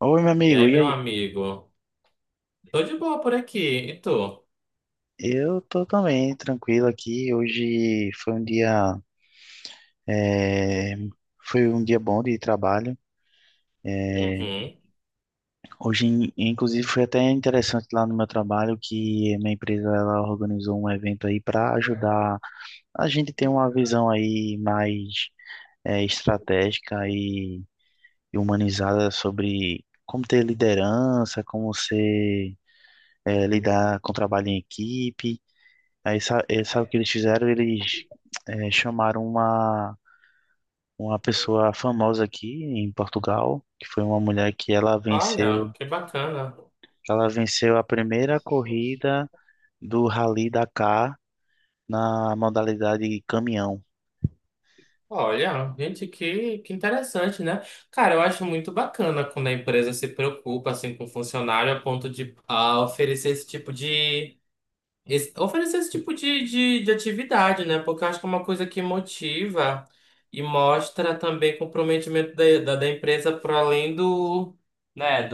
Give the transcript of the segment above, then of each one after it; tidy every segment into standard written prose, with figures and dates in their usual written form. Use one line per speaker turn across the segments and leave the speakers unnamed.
Oi, meu
E
amigo,
aí,
e
meu
aí?
amigo? Tô de boa por aqui. E tu?
Eu tô também tranquilo aqui. Hoje foi um dia, é, foi um dia bom de trabalho. É,
Uhum.
hoje, inclusive, foi até interessante lá no meu trabalho que minha empresa ela organizou um evento aí para ajudar a gente ter uma visão aí mais estratégica e humanizada sobre como ter liderança, como ser lidar com trabalho em equipe. Aí sabe o que eles fizeram? Eles chamaram uma pessoa famosa aqui em Portugal, que foi uma mulher que ela
Olha,
venceu,
que bacana.
ela venceu a primeira corrida do Rally Dakar na modalidade caminhão.
Olha, gente, que interessante, né? Cara, eu acho muito bacana quando a empresa se preocupa assim com o funcionário a ponto de oferecer esse tipo de oferecer esse tipo de atividade, né? Porque eu acho que é uma coisa que motiva e mostra também comprometimento da empresa para além do, né,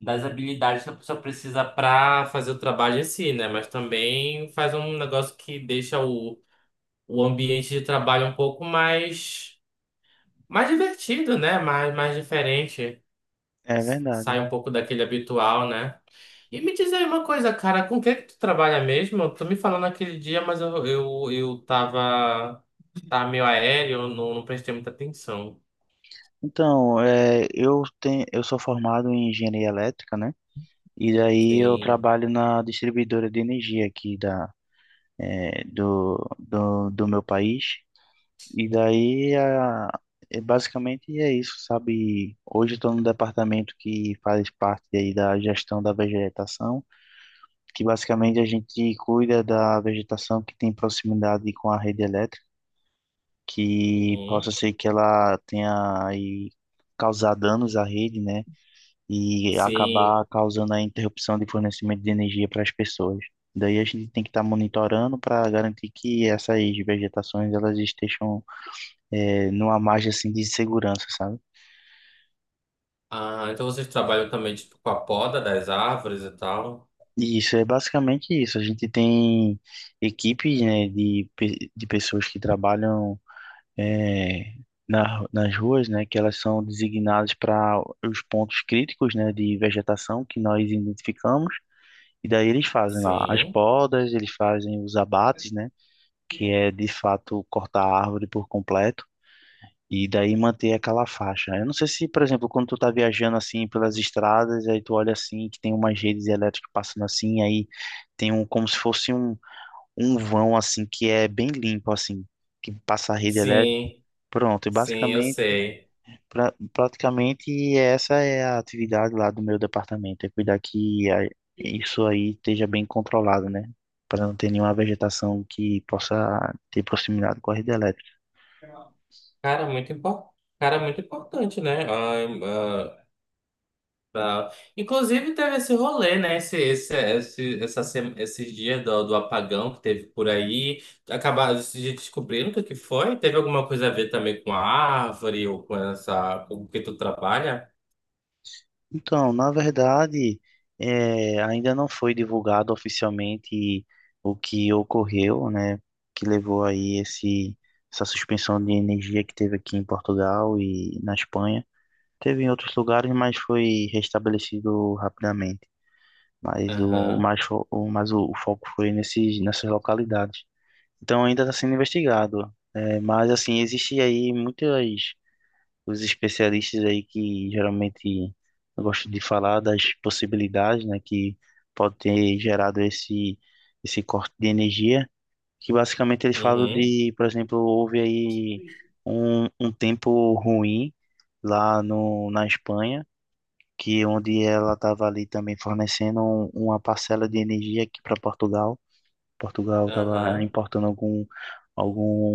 das habilidades que a pessoa precisa para fazer o trabalho em si, né? Mas também faz um negócio que deixa o ambiente de trabalho um pouco mais, mais divertido, né? Mais diferente.
É verdade.
Sai um pouco daquele habitual, né? E me diz aí uma coisa, cara, com quem que tu trabalha mesmo? Tu me falou naquele dia, mas eu tava, tava meio aéreo, não, não prestei muita atenção.
Então, eu sou formado em engenharia elétrica, né? E daí eu
Sim.
trabalho na distribuidora de energia aqui da, eh, do, do, do meu país. E daí, é basicamente é isso, sabe? Hoje estou num departamento que faz parte aí da gestão da vegetação, que basicamente a gente cuida da vegetação que tem proximidade com a rede elétrica, que possa
Uhum.
ser que ela tenha aí causar danos à rede, né? E
Sim.
acabar causando a interrupção de fornecimento de energia para as pessoas. Daí a gente tem que estar monitorando para garantir que essas vegetações elas estejam numa margem assim de segurança, sabe?
Ah, então vocês trabalham também tipo, com a poda das árvores e tal?
E isso é basicamente isso. A gente tem equipes, né, de pessoas que trabalham é, nas ruas, né, que elas são designadas para os pontos críticos, né, de vegetação que nós identificamos. E daí eles fazem lá as
Sim.
podas, eles fazem os abates, né, que é de fato cortar a árvore por completo. E daí manter aquela faixa, né? Eu não sei se, por exemplo, quando tu tá viajando assim pelas estradas, aí tu olha assim, que tem umas redes elétricas passando assim, aí tem um como se fosse um vão assim que é bem limpo assim, que passa a rede elétrica.
Sim,
Pronto, e
sim, eu
basicamente,
sei.
praticamente essa é a atividade lá do meu departamento, é cuidar isso aí esteja bem controlado, né? Para não ter nenhuma vegetação que possa ter proximidade com a rede elétrica.
Cara, muito impor... Cara, muito importante, né? Inclusive, teve esse rolê, né? Esses dias do, do apagão que teve por aí. Acabaram de descobrindo o que que foi. Teve alguma coisa a ver também com a árvore ou com essa... com o que tu trabalha?
Então, na verdade, ainda não foi divulgado oficialmente o que ocorreu, né, que levou aí essa suspensão de energia que teve aqui em Portugal e na Espanha. Teve em outros lugares, mas foi restabelecido rapidamente. Mas o
Aham,
mais, fo- o, mas o foco foi nesses, nessas localidades. Então ainda está sendo investigado. Mas assim, existe aí muitas os especialistas aí que geralmente gostam de falar das possibilidades, né, que pode ter gerado esse corte de energia, que basicamente eles falam
uhum,
de, por exemplo, houve aí um tempo ruim lá no, na Espanha, que onde ela estava ali também fornecendo uma parcela de energia aqui para Portugal. Portugal estava
aham.
importando algum,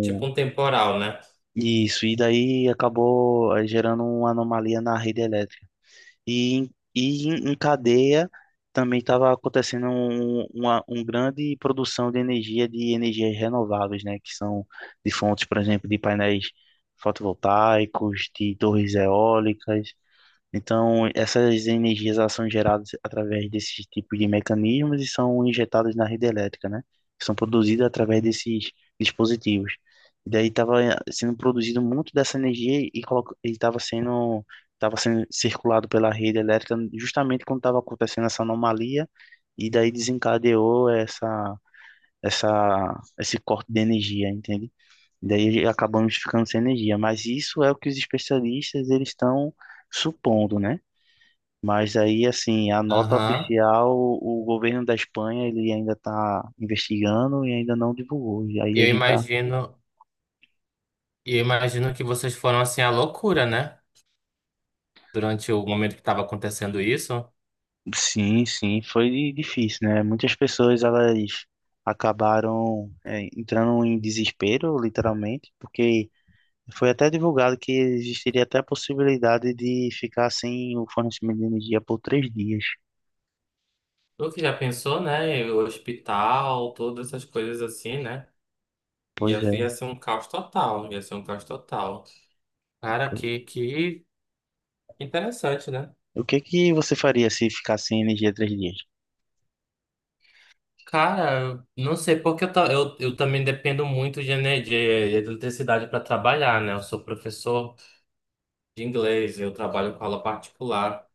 Tipo um temporal, né?
isso, e daí acabou gerando uma anomalia na rede elétrica. E, em cadeia também estava acontecendo uma grande produção de energia de energias renováveis, né? Que são de fontes, por exemplo, de painéis fotovoltaicos, de torres eólicas. Então, essas energias elas são geradas através desses tipos de mecanismos e são injetadas na rede elétrica, né? São produzidas através desses dispositivos. E daí estava sendo produzido muito dessa energia e estava sendo, estava sendo circulado pela rede elétrica justamente quando estava acontecendo essa anomalia e daí desencadeou esse corte de energia, entende? E daí acabamos ficando sem energia. Mas isso é o que os especialistas eles estão supondo, né? Mas aí, assim, a nota
Aham.
oficial, o governo da Espanha, ele ainda está investigando e ainda não divulgou. E
E
aí a
Eu
gente tá...
imagino, e eu imagino que vocês foram assim à loucura, né? Durante o momento que estava acontecendo isso.
Sim, sim, foi difícil, né? Muitas pessoas, elas acabaram entrando em desespero, literalmente, porque foi até divulgado que existiria até a possibilidade de ficar sem o fornecimento de energia por 3 dias.
Tu que já pensou, né? O hospital, todas essas coisas assim, né? Ia,
Pois
ia
é.
ser um caos total, ia ser um caos total. Cara,
pois-
que interessante, né?
O que que você faria se ficar sem energia 3 dias?
Cara, eu não sei porque eu também dependo muito de energia, de eletricidade para trabalhar, né? Eu sou professor de inglês, eu trabalho com aula particular.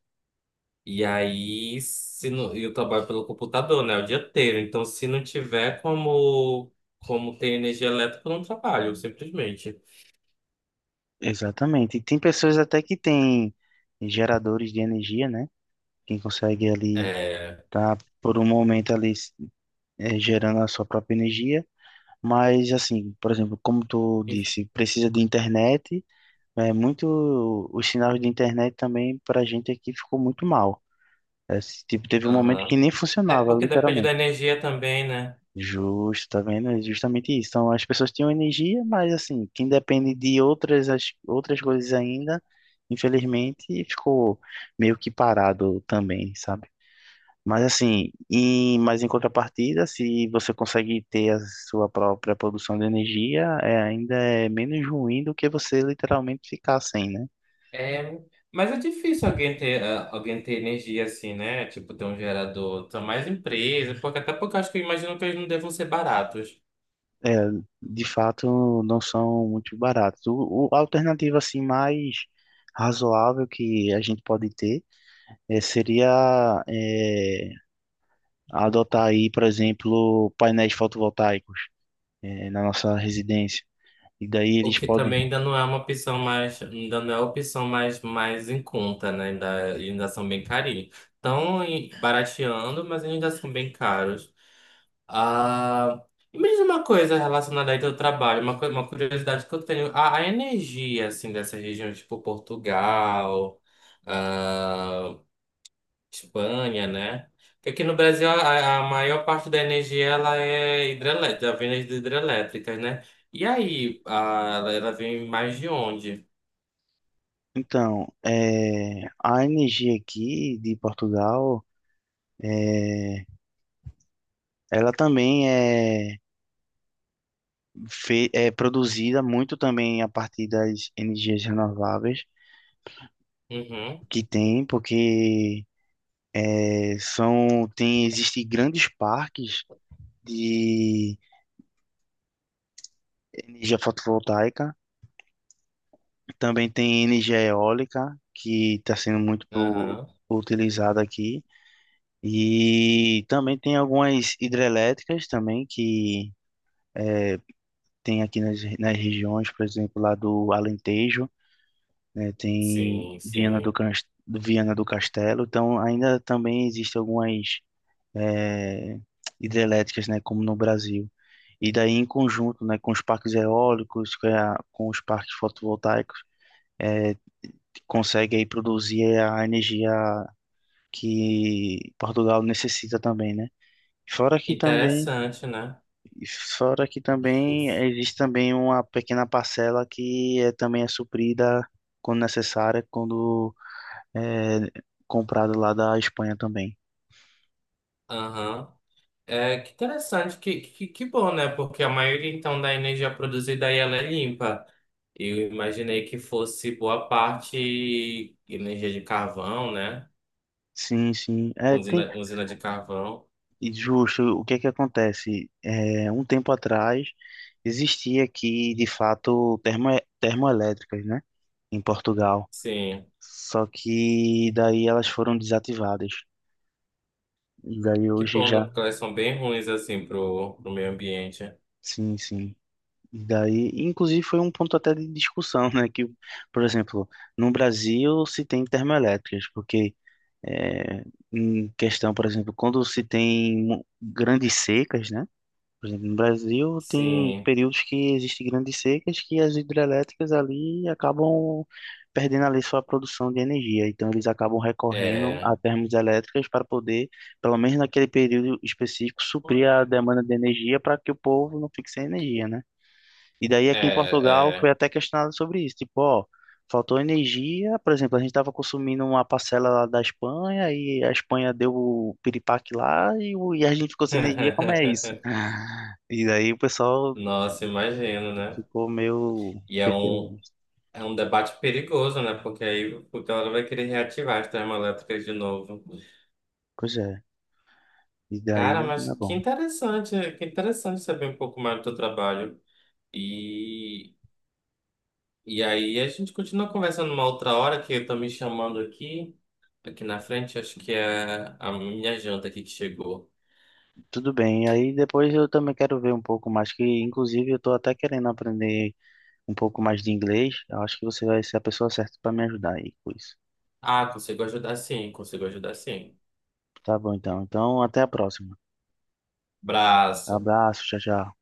E aí, se não, eu trabalho pelo computador, né, o dia inteiro. Então, se não tiver como ter energia elétrica, eu não trabalho, simplesmente.
Exatamente. E tem pessoas até que têm geradores de energia, né? Quem consegue ali
É,
tá por um momento ali gerando a sua própria energia. Mas assim, por exemplo, como tu
e-
disse, precisa de internet. É muito os sinais de internet também para a gente aqui ficou muito mal. É, tipo, teve um momento que
aham.
nem
É
funcionava,
porque depende da
literalmente.
energia também, né?
Justo, tá vendo? É justamente isso. Então, as pessoas tinham energia, mas assim, quem depende de outras, outras coisas ainda, infelizmente, ficou meio que parado também, sabe? Mas assim, mas em contrapartida, se você consegue ter a sua própria produção de energia, ainda é menos ruim do que você literalmente ficar sem, né?
É, mas é difícil alguém ter energia assim, né? Tipo, ter um gerador. São mais empresas, porque até porque eu acho que eu imagino que eles não devam ser baratos.
É, de fato, não são muito baratos. O, a alternativa assim mais razoável que a gente pode ter seria adotar aí, por exemplo, painéis fotovoltaicos na nossa residência. E daí
O
eles
que
podem.
também ainda não é uma opção mais, ainda não é a opção mais, mais em conta, né? Ainda são bem carinhos. Barateando, mas ainda são bem caros. Ah, e me diz uma coisa relacionada aí ao teu trabalho, uma curiosidade que eu tenho, a energia, assim, dessa região, tipo Portugal, ah, Espanha, né? Porque aqui no Brasil a maior parte da energia ela é hidrelétrica, vem de hidrelétricas, né? E aí, a, ela vem mais de onde?
Então, a energia aqui de Portugal, é, ela também é produzida muito também a partir das energias renováveis
Uhum,
que tem, porque é, são tem existe grandes parques de energia fotovoltaica. Também tem energia eólica, que está sendo muito
aham,
utilizada aqui. E também tem algumas hidrelétricas também que eh, tem aqui nas regiões, por exemplo, lá do Alentejo, né, tem
sim, sim.
Viana do Castelo. Então, ainda também existem algumas eh, hidrelétricas, né, como no Brasil. E daí, em conjunto, né, com os parques eólicos, com os parques fotovoltaicos, é, consegue aí produzir a energia que Portugal necessita também, né? Fora que também,
Interessante, né?
fora que também existe também uma pequena parcela que também é suprida quando necessária, quando é comprada lá da Espanha também.
Aham. É, que interessante, que bom, né? Porque a maioria, então, da energia produzida aí, ela é limpa. Eu imaginei que fosse boa parte energia de carvão, né?
Sim, sim. É,
Usina,
tem,
usina de carvão.
e justo, o que é que acontece? É, um tempo atrás existia aqui, de fato, termoelétricas, né? Em Portugal.
Sim.
Só que daí elas foram desativadas. E daí
Que
hoje
bom, né?
já.
Porque elas são bem ruins, assim, pro, pro meio ambiente.
Sim, sim. E daí, inclusive, foi um ponto até de discussão, né? Que, por exemplo, no Brasil se tem termoelétricas, porque é, em questão, por exemplo, quando se tem grandes secas, né? Por exemplo, no Brasil tem
Sim,
períodos que existem grandes secas que as hidrelétricas ali acabam perdendo ali sua produção de energia. Então eles acabam recorrendo a
é,
termoelétricas para poder, pelo menos naquele período específico, suprir a demanda de energia para que o povo não fique sem energia, né? E daí
é,
aqui em Portugal foi
é.
até questionado sobre isso, tipo, ó, faltou energia, por exemplo, a gente estava consumindo uma parcela lá da Espanha e a Espanha deu o piripaque lá e a gente ficou sem energia, como é isso? E daí o pessoal
Nossa, imagino, né?
ficou meio
E
receoso. disso.
é um debate perigoso, né? Porque aí o Teodoro vai querer reativar as termoelétricas de novo.
Pois é, e
Cara,
daí, tá
mas
bom.
que interessante saber um pouco mais do teu trabalho. E, e aí a gente continua conversando uma outra hora, que eu tô me chamando aqui, aqui na frente, acho que é a minha janta aqui que chegou.
Tudo bem, aí depois eu também quero ver um pouco mais, que inclusive eu tô até querendo aprender um pouco mais de inglês, eu acho que você vai ser a pessoa certa para me ajudar aí com isso.
Ah, consigo ajudar sim, consigo ajudar sim.
Tá bom então, então até a próxima.
Braço.
Abraço, tchau, tchau.